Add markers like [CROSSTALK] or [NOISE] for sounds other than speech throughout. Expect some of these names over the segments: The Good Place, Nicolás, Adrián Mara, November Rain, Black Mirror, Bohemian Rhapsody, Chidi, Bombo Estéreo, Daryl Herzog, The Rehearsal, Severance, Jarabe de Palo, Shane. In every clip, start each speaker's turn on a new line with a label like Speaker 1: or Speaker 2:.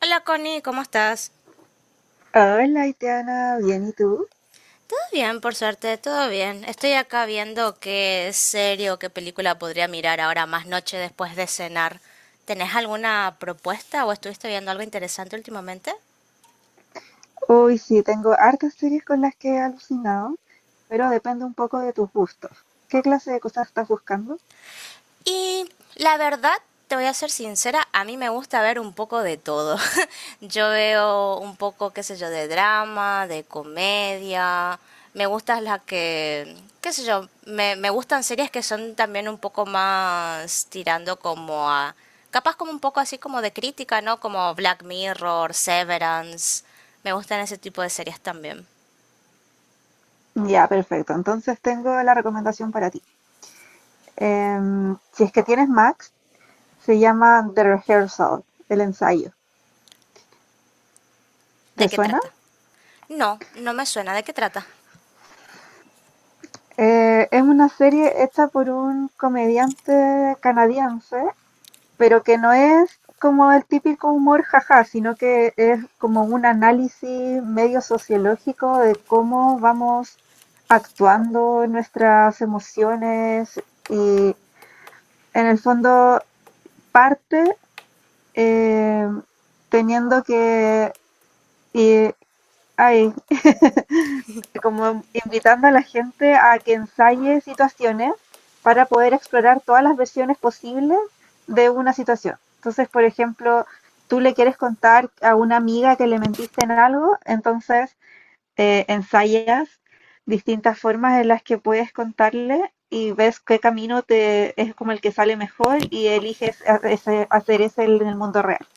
Speaker 1: Hola Connie, ¿cómo estás?
Speaker 2: Hola, Itiana, bien, ¿y tú?
Speaker 1: Todo bien, por suerte, todo bien. Estoy acá viendo qué serie o qué película podría mirar ahora más noche después de cenar. ¿Tenés alguna propuesta o estuviste viendo algo interesante últimamente?
Speaker 2: Uy, sí, tengo hartas series con las que he alucinado, pero depende un poco de tus gustos. ¿Qué clase de cosas estás buscando?
Speaker 1: Y la verdad, te voy a ser sincera, a mí me gusta ver un poco de todo. [LAUGHS] Yo veo un poco, qué sé yo, de drama, de comedia. Me gustan las que, qué sé yo, me gustan series que son también un poco más tirando como a, capaz como un poco así como de crítica, ¿no? Como Black Mirror, Severance. Me gustan ese tipo de series también.
Speaker 2: Ya, perfecto. Entonces tengo la recomendación para ti. Si es que tienes Max, se llama The Rehearsal, el ensayo.
Speaker 1: ¿De
Speaker 2: ¿Te
Speaker 1: qué
Speaker 2: suena?
Speaker 1: trata? No, no me suena. ¿De qué trata?
Speaker 2: Es una serie hecha por un comediante canadiense pero que no es como el típico humor jaja, sino que es como un análisis medio sociológico de cómo vamos actuando en nuestras emociones y en el fondo parte eh, teniendo que eh, ay, [LAUGHS] como invitando a la gente a que ensaye situaciones para poder explorar todas las versiones posibles de una situación. Entonces, por ejemplo, tú le quieres contar a una amiga que le mentiste en algo, entonces ensayas distintas formas en las que puedes contarle y ves qué camino te es como el que sale mejor y eliges hacer ese en el mundo real.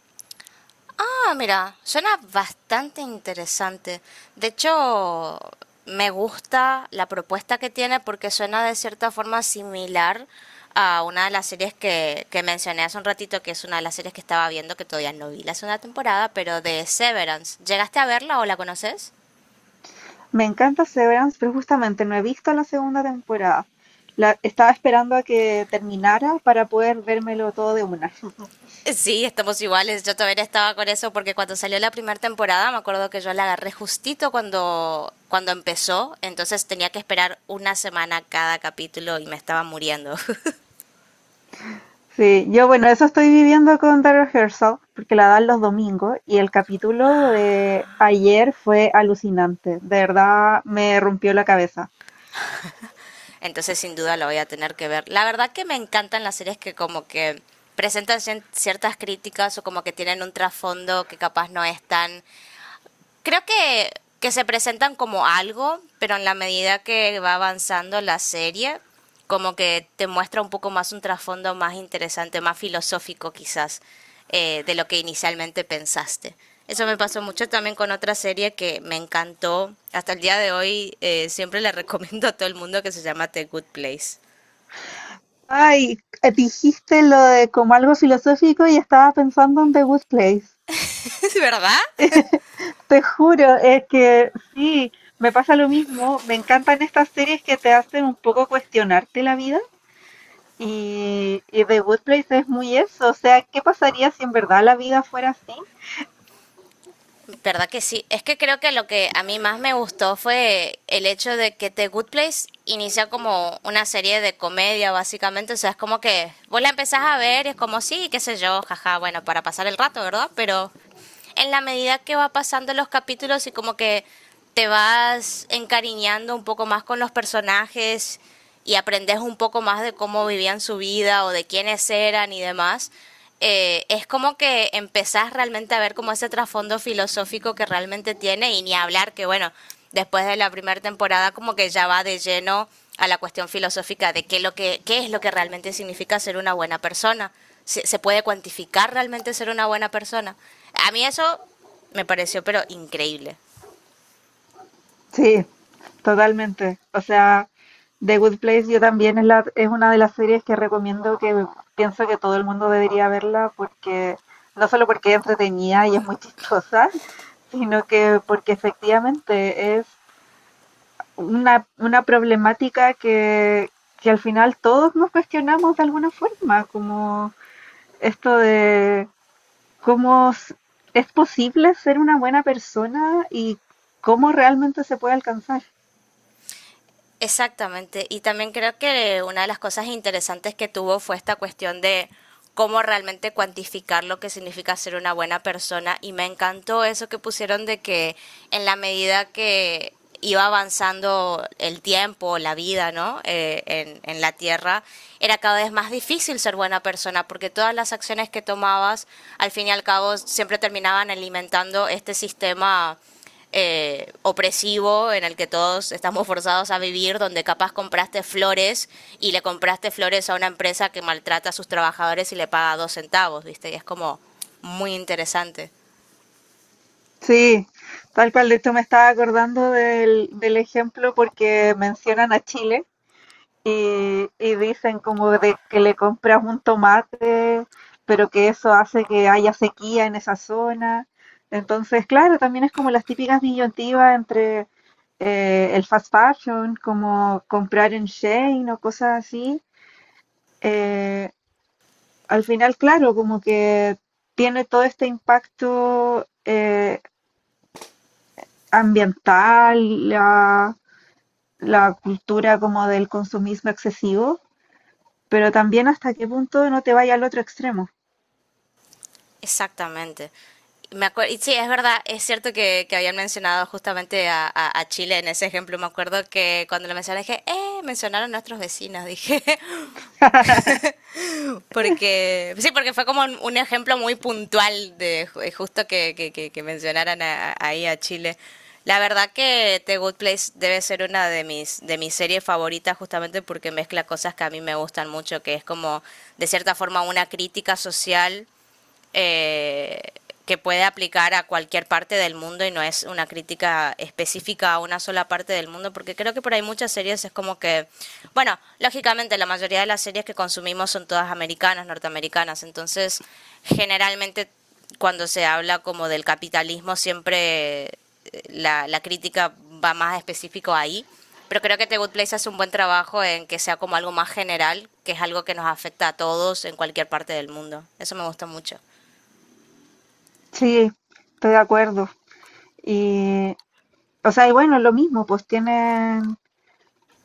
Speaker 1: Ah, mira, suena bastante interesante. De hecho, me gusta la propuesta que tiene porque suena de cierta forma similar a una de las series que mencioné hace un ratito, que es una de las series que estaba viendo que todavía no vi la segunda temporada, pero de Severance. ¿Llegaste a verla o la conoces?
Speaker 2: Me encanta Severance, pero justamente no he visto la segunda temporada. La, estaba esperando a que terminara para poder vérmelo todo de una. [LAUGHS]
Speaker 1: Sí, estamos iguales. Yo todavía estaba con eso porque cuando salió la primera temporada me acuerdo que yo la agarré justito cuando empezó, entonces tenía que esperar una semana cada capítulo y me estaba muriendo. [LAUGHS]
Speaker 2: Sí, yo bueno, eso estoy viviendo con Daryl Herzog, porque la dan los domingos y el capítulo de ayer fue alucinante. De verdad me rompió la cabeza.
Speaker 1: Entonces sin duda lo voy a tener que ver. La verdad que me encantan las series que como que presentan ciertas críticas o como que tienen un trasfondo que capaz no es tan. Creo que se presentan como algo, pero en la medida que va avanzando la serie, como que te muestra un poco más un trasfondo más interesante, más filosófico quizás, de lo que inicialmente pensaste. Eso me pasó mucho también con otra serie que me encantó. Hasta el día de hoy siempre le [LAUGHS] recomiendo a todo el mundo que se llama The Good Place.
Speaker 2: Ay, dijiste lo de como algo filosófico y estaba pensando en The Good Place.
Speaker 1: [LAUGHS] ¿Es verdad?
Speaker 2: Te juro, es que sí, me pasa lo mismo. Me encantan estas series que te hacen un poco cuestionarte la vida. Y The Good Place es muy eso. O sea, ¿qué pasaría si en verdad la vida fuera así?
Speaker 1: ¿Verdad que sí? Es que creo que lo que a mí más me gustó fue el hecho de que The Good Place inicia como una serie de comedia, básicamente. O sea, es como que vos la empezás a ver y es como, sí, qué sé yo, jaja, bueno, para pasar el rato, ¿verdad? Pero en la medida que va pasando los capítulos y como que te vas encariñando un poco más con los personajes y aprendes un poco más de cómo vivían su vida o de quiénes eran y demás, es como que empezás realmente a ver como ese trasfondo filosófico que realmente tiene y ni hablar que bueno, después de la primera temporada como que ya va de lleno a la cuestión filosófica de qué, lo que, qué es lo que realmente significa ser una buena persona. Se puede cuantificar realmente ser una buena persona. A mí eso me pareció pero increíble.
Speaker 2: Sí, totalmente. O sea, The Good Place yo también es, la, es una de las series que recomiendo que pienso que todo el mundo debería verla porque no solo porque es entretenida y es muy chistosa, [LAUGHS] sino que porque efectivamente es una problemática que al final todos nos cuestionamos de alguna forma, como esto de cómo s- es posible ser una buena persona y cómo realmente se puede alcanzar.
Speaker 1: Exactamente. Y también creo que una de las cosas interesantes que tuvo fue esta cuestión de cómo realmente cuantificar lo que significa ser una buena persona. Y me encantó eso que pusieron de que en la medida que iba avanzando el tiempo, la vida, ¿no? En la Tierra, era cada vez más difícil ser buena persona porque todas las acciones que tomabas, al fin y al cabo, siempre terminaban alimentando este sistema opresivo en el que todos estamos forzados a vivir, donde capaz compraste flores y le compraste flores a una empresa que maltrata a sus trabajadores y le paga dos centavos, ¿viste? Y es como muy interesante.
Speaker 2: Sí, tal cual. De hecho, me estaba acordando del, del ejemplo porque mencionan a Chile y dicen como de que le compras un tomate, pero que eso hace que haya sequía en esa zona. Entonces, claro, también es como las típicas disyuntivas entre el fast fashion, como comprar en Shane o cosas así. Eh, Al final, claro, como que tiene todo este impacto ambiental, la cultura como del consumismo excesivo, pero también hasta qué punto no te vaya al otro extremo.
Speaker 1: Exactamente. Me acuerdo, y sí, es verdad, es cierto que habían mencionado justamente a Chile en ese ejemplo. Me acuerdo que cuando lo mencioné dije, mencionaron a nuestros vecinos, [LAUGHS] dije, porque sí, porque fue como un, ejemplo muy puntual de justo que- mencionaran a- ahí a Chile. La verdad que The Good Place debe ser una de mis series favoritas justamente porque mezcla cosas que a mí me gustan mucho, que es como de cierta forma una crítica social eh, que puede aplicar a cualquier parte del mundo y no es una crítica específica a una sola parte del mundo, porque creo que por ahí muchas series es como que, bueno, lógicamente la mayoría de las series que consumimos son todas americanas, norteamericanas, entonces generalmente cuando se habla como del capitalismo siempre la crítica va más específico ahí, pero creo que The Good Place hace un buen trabajo en que sea como algo más general, que es algo que nos afecta a todos en cualquier parte del mundo, eso me gusta mucho.
Speaker 2: Sí, estoy de acuerdo. Y, o sea, y bueno, lo mismo, pues tienen,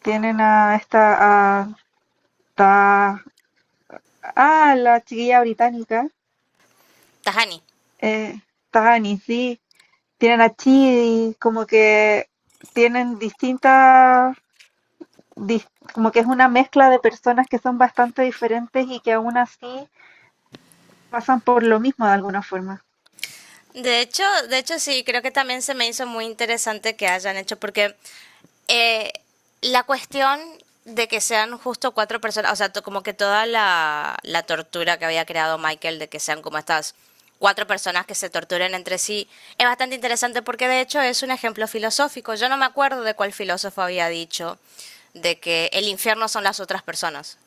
Speaker 2: tienen a esta, a, ta- ah, la chiquilla británica,
Speaker 1: Tahani.
Speaker 2: eh, Tani, sí, tienen a Chidi, como que tienen distintas, dis- como que es una mezcla de personas que son bastante diferentes y que aún así pasan por lo mismo de alguna forma.
Speaker 1: De hecho, de hecho sí, creo que también se me hizo muy interesante que hayan hecho, porque eh, la cuestión de que sean justo cuatro personas, o sea, to- como que toda la, la tortura que había creado Michael de que sean como estas cuatro personas que se torturen entre sí, es bastante interesante porque de hecho es un ejemplo filosófico. Yo no me acuerdo de cuál filósofo había dicho de que el infierno son las otras personas.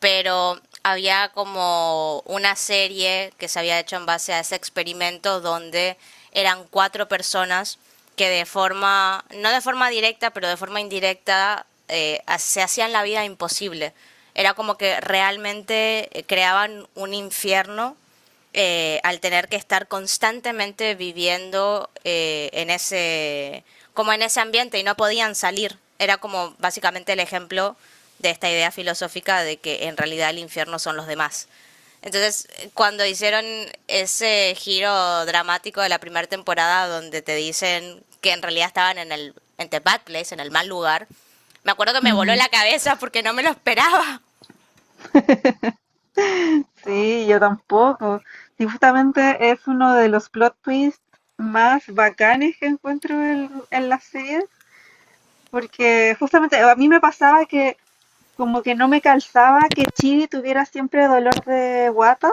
Speaker 1: Pero había como una serie que se había hecho en base a ese experimento donde eran cuatro personas que de forma, no de forma directa, pero de forma indirecta, se hacían la vida imposible. Era como que realmente creaban un infierno al tener que estar constantemente viviendo en ese, como en ese ambiente y no podían salir. Era como básicamente el ejemplo de esta idea filosófica de que en realidad el infierno son los demás. Entonces, cuando hicieron ese giro dramático de la primera temporada donde te dicen que en realidad estaban en the bad place, en el mal lugar, me acuerdo que me voló la cabeza porque no me lo esperaba.
Speaker 2: Sí, yo tampoco. Sí, justamente es uno de los plot twists más bacanes que encuentro en las series, porque justamente a mí me pasaba que como que no me calzaba que Chidi tuviera siempre dolor de guata,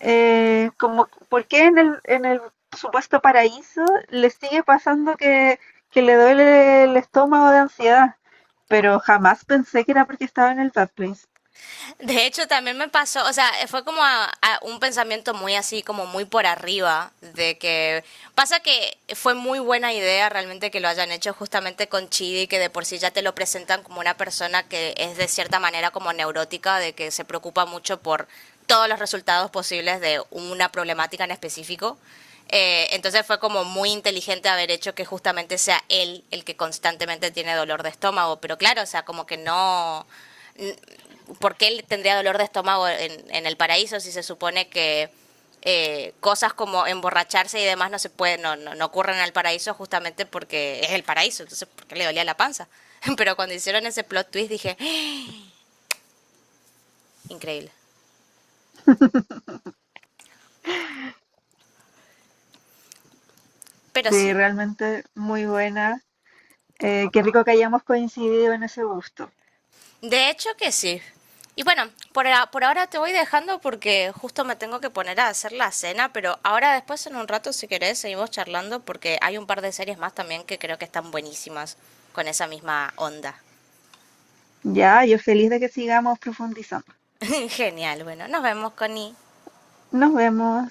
Speaker 2: como por qué en el supuesto paraíso le sigue pasando que le duele el estómago de ansiedad, pero jamás pensé que era porque estaba en el Bad Place.
Speaker 1: De hecho, también me pasó, o sea, fue como a un pensamiento muy así, como muy por arriba, de que pasa que fue muy buena idea realmente que lo hayan hecho justamente con Chidi, que de por sí ya te lo presentan como una persona que es de cierta manera como neurótica, de que se preocupa mucho por todos los resultados posibles de una problemática en específico. Entonces fue como muy inteligente haber hecho que justamente sea él el que constantemente tiene dolor de estómago, pero claro, o sea, como que no. ¿Por qué él tendría dolor de estómago en el paraíso si se supone que cosas como emborracharse y demás no se pueden, no, no ocurren en el paraíso justamente porque es el paraíso? Entonces, ¿por qué le dolía la panza? [LAUGHS] Pero cuando hicieron ese plot twist dije, ¡ah! Increíble. Pero
Speaker 2: Sí,
Speaker 1: sí,
Speaker 2: realmente muy buena. Qué rico que hayamos coincidido en ese gusto.
Speaker 1: de hecho que sí. Y bueno, por, a- por ahora te voy dejando porque justo me tengo que poner a hacer la cena, pero ahora después en un rato si querés seguimos charlando porque hay un par de series más también que creo que están buenísimas con esa misma onda.
Speaker 2: Ya, yo feliz de que sigamos profundizando.
Speaker 1: [LAUGHS] Genial, bueno, nos vemos, Connie.
Speaker 2: Nos vemos.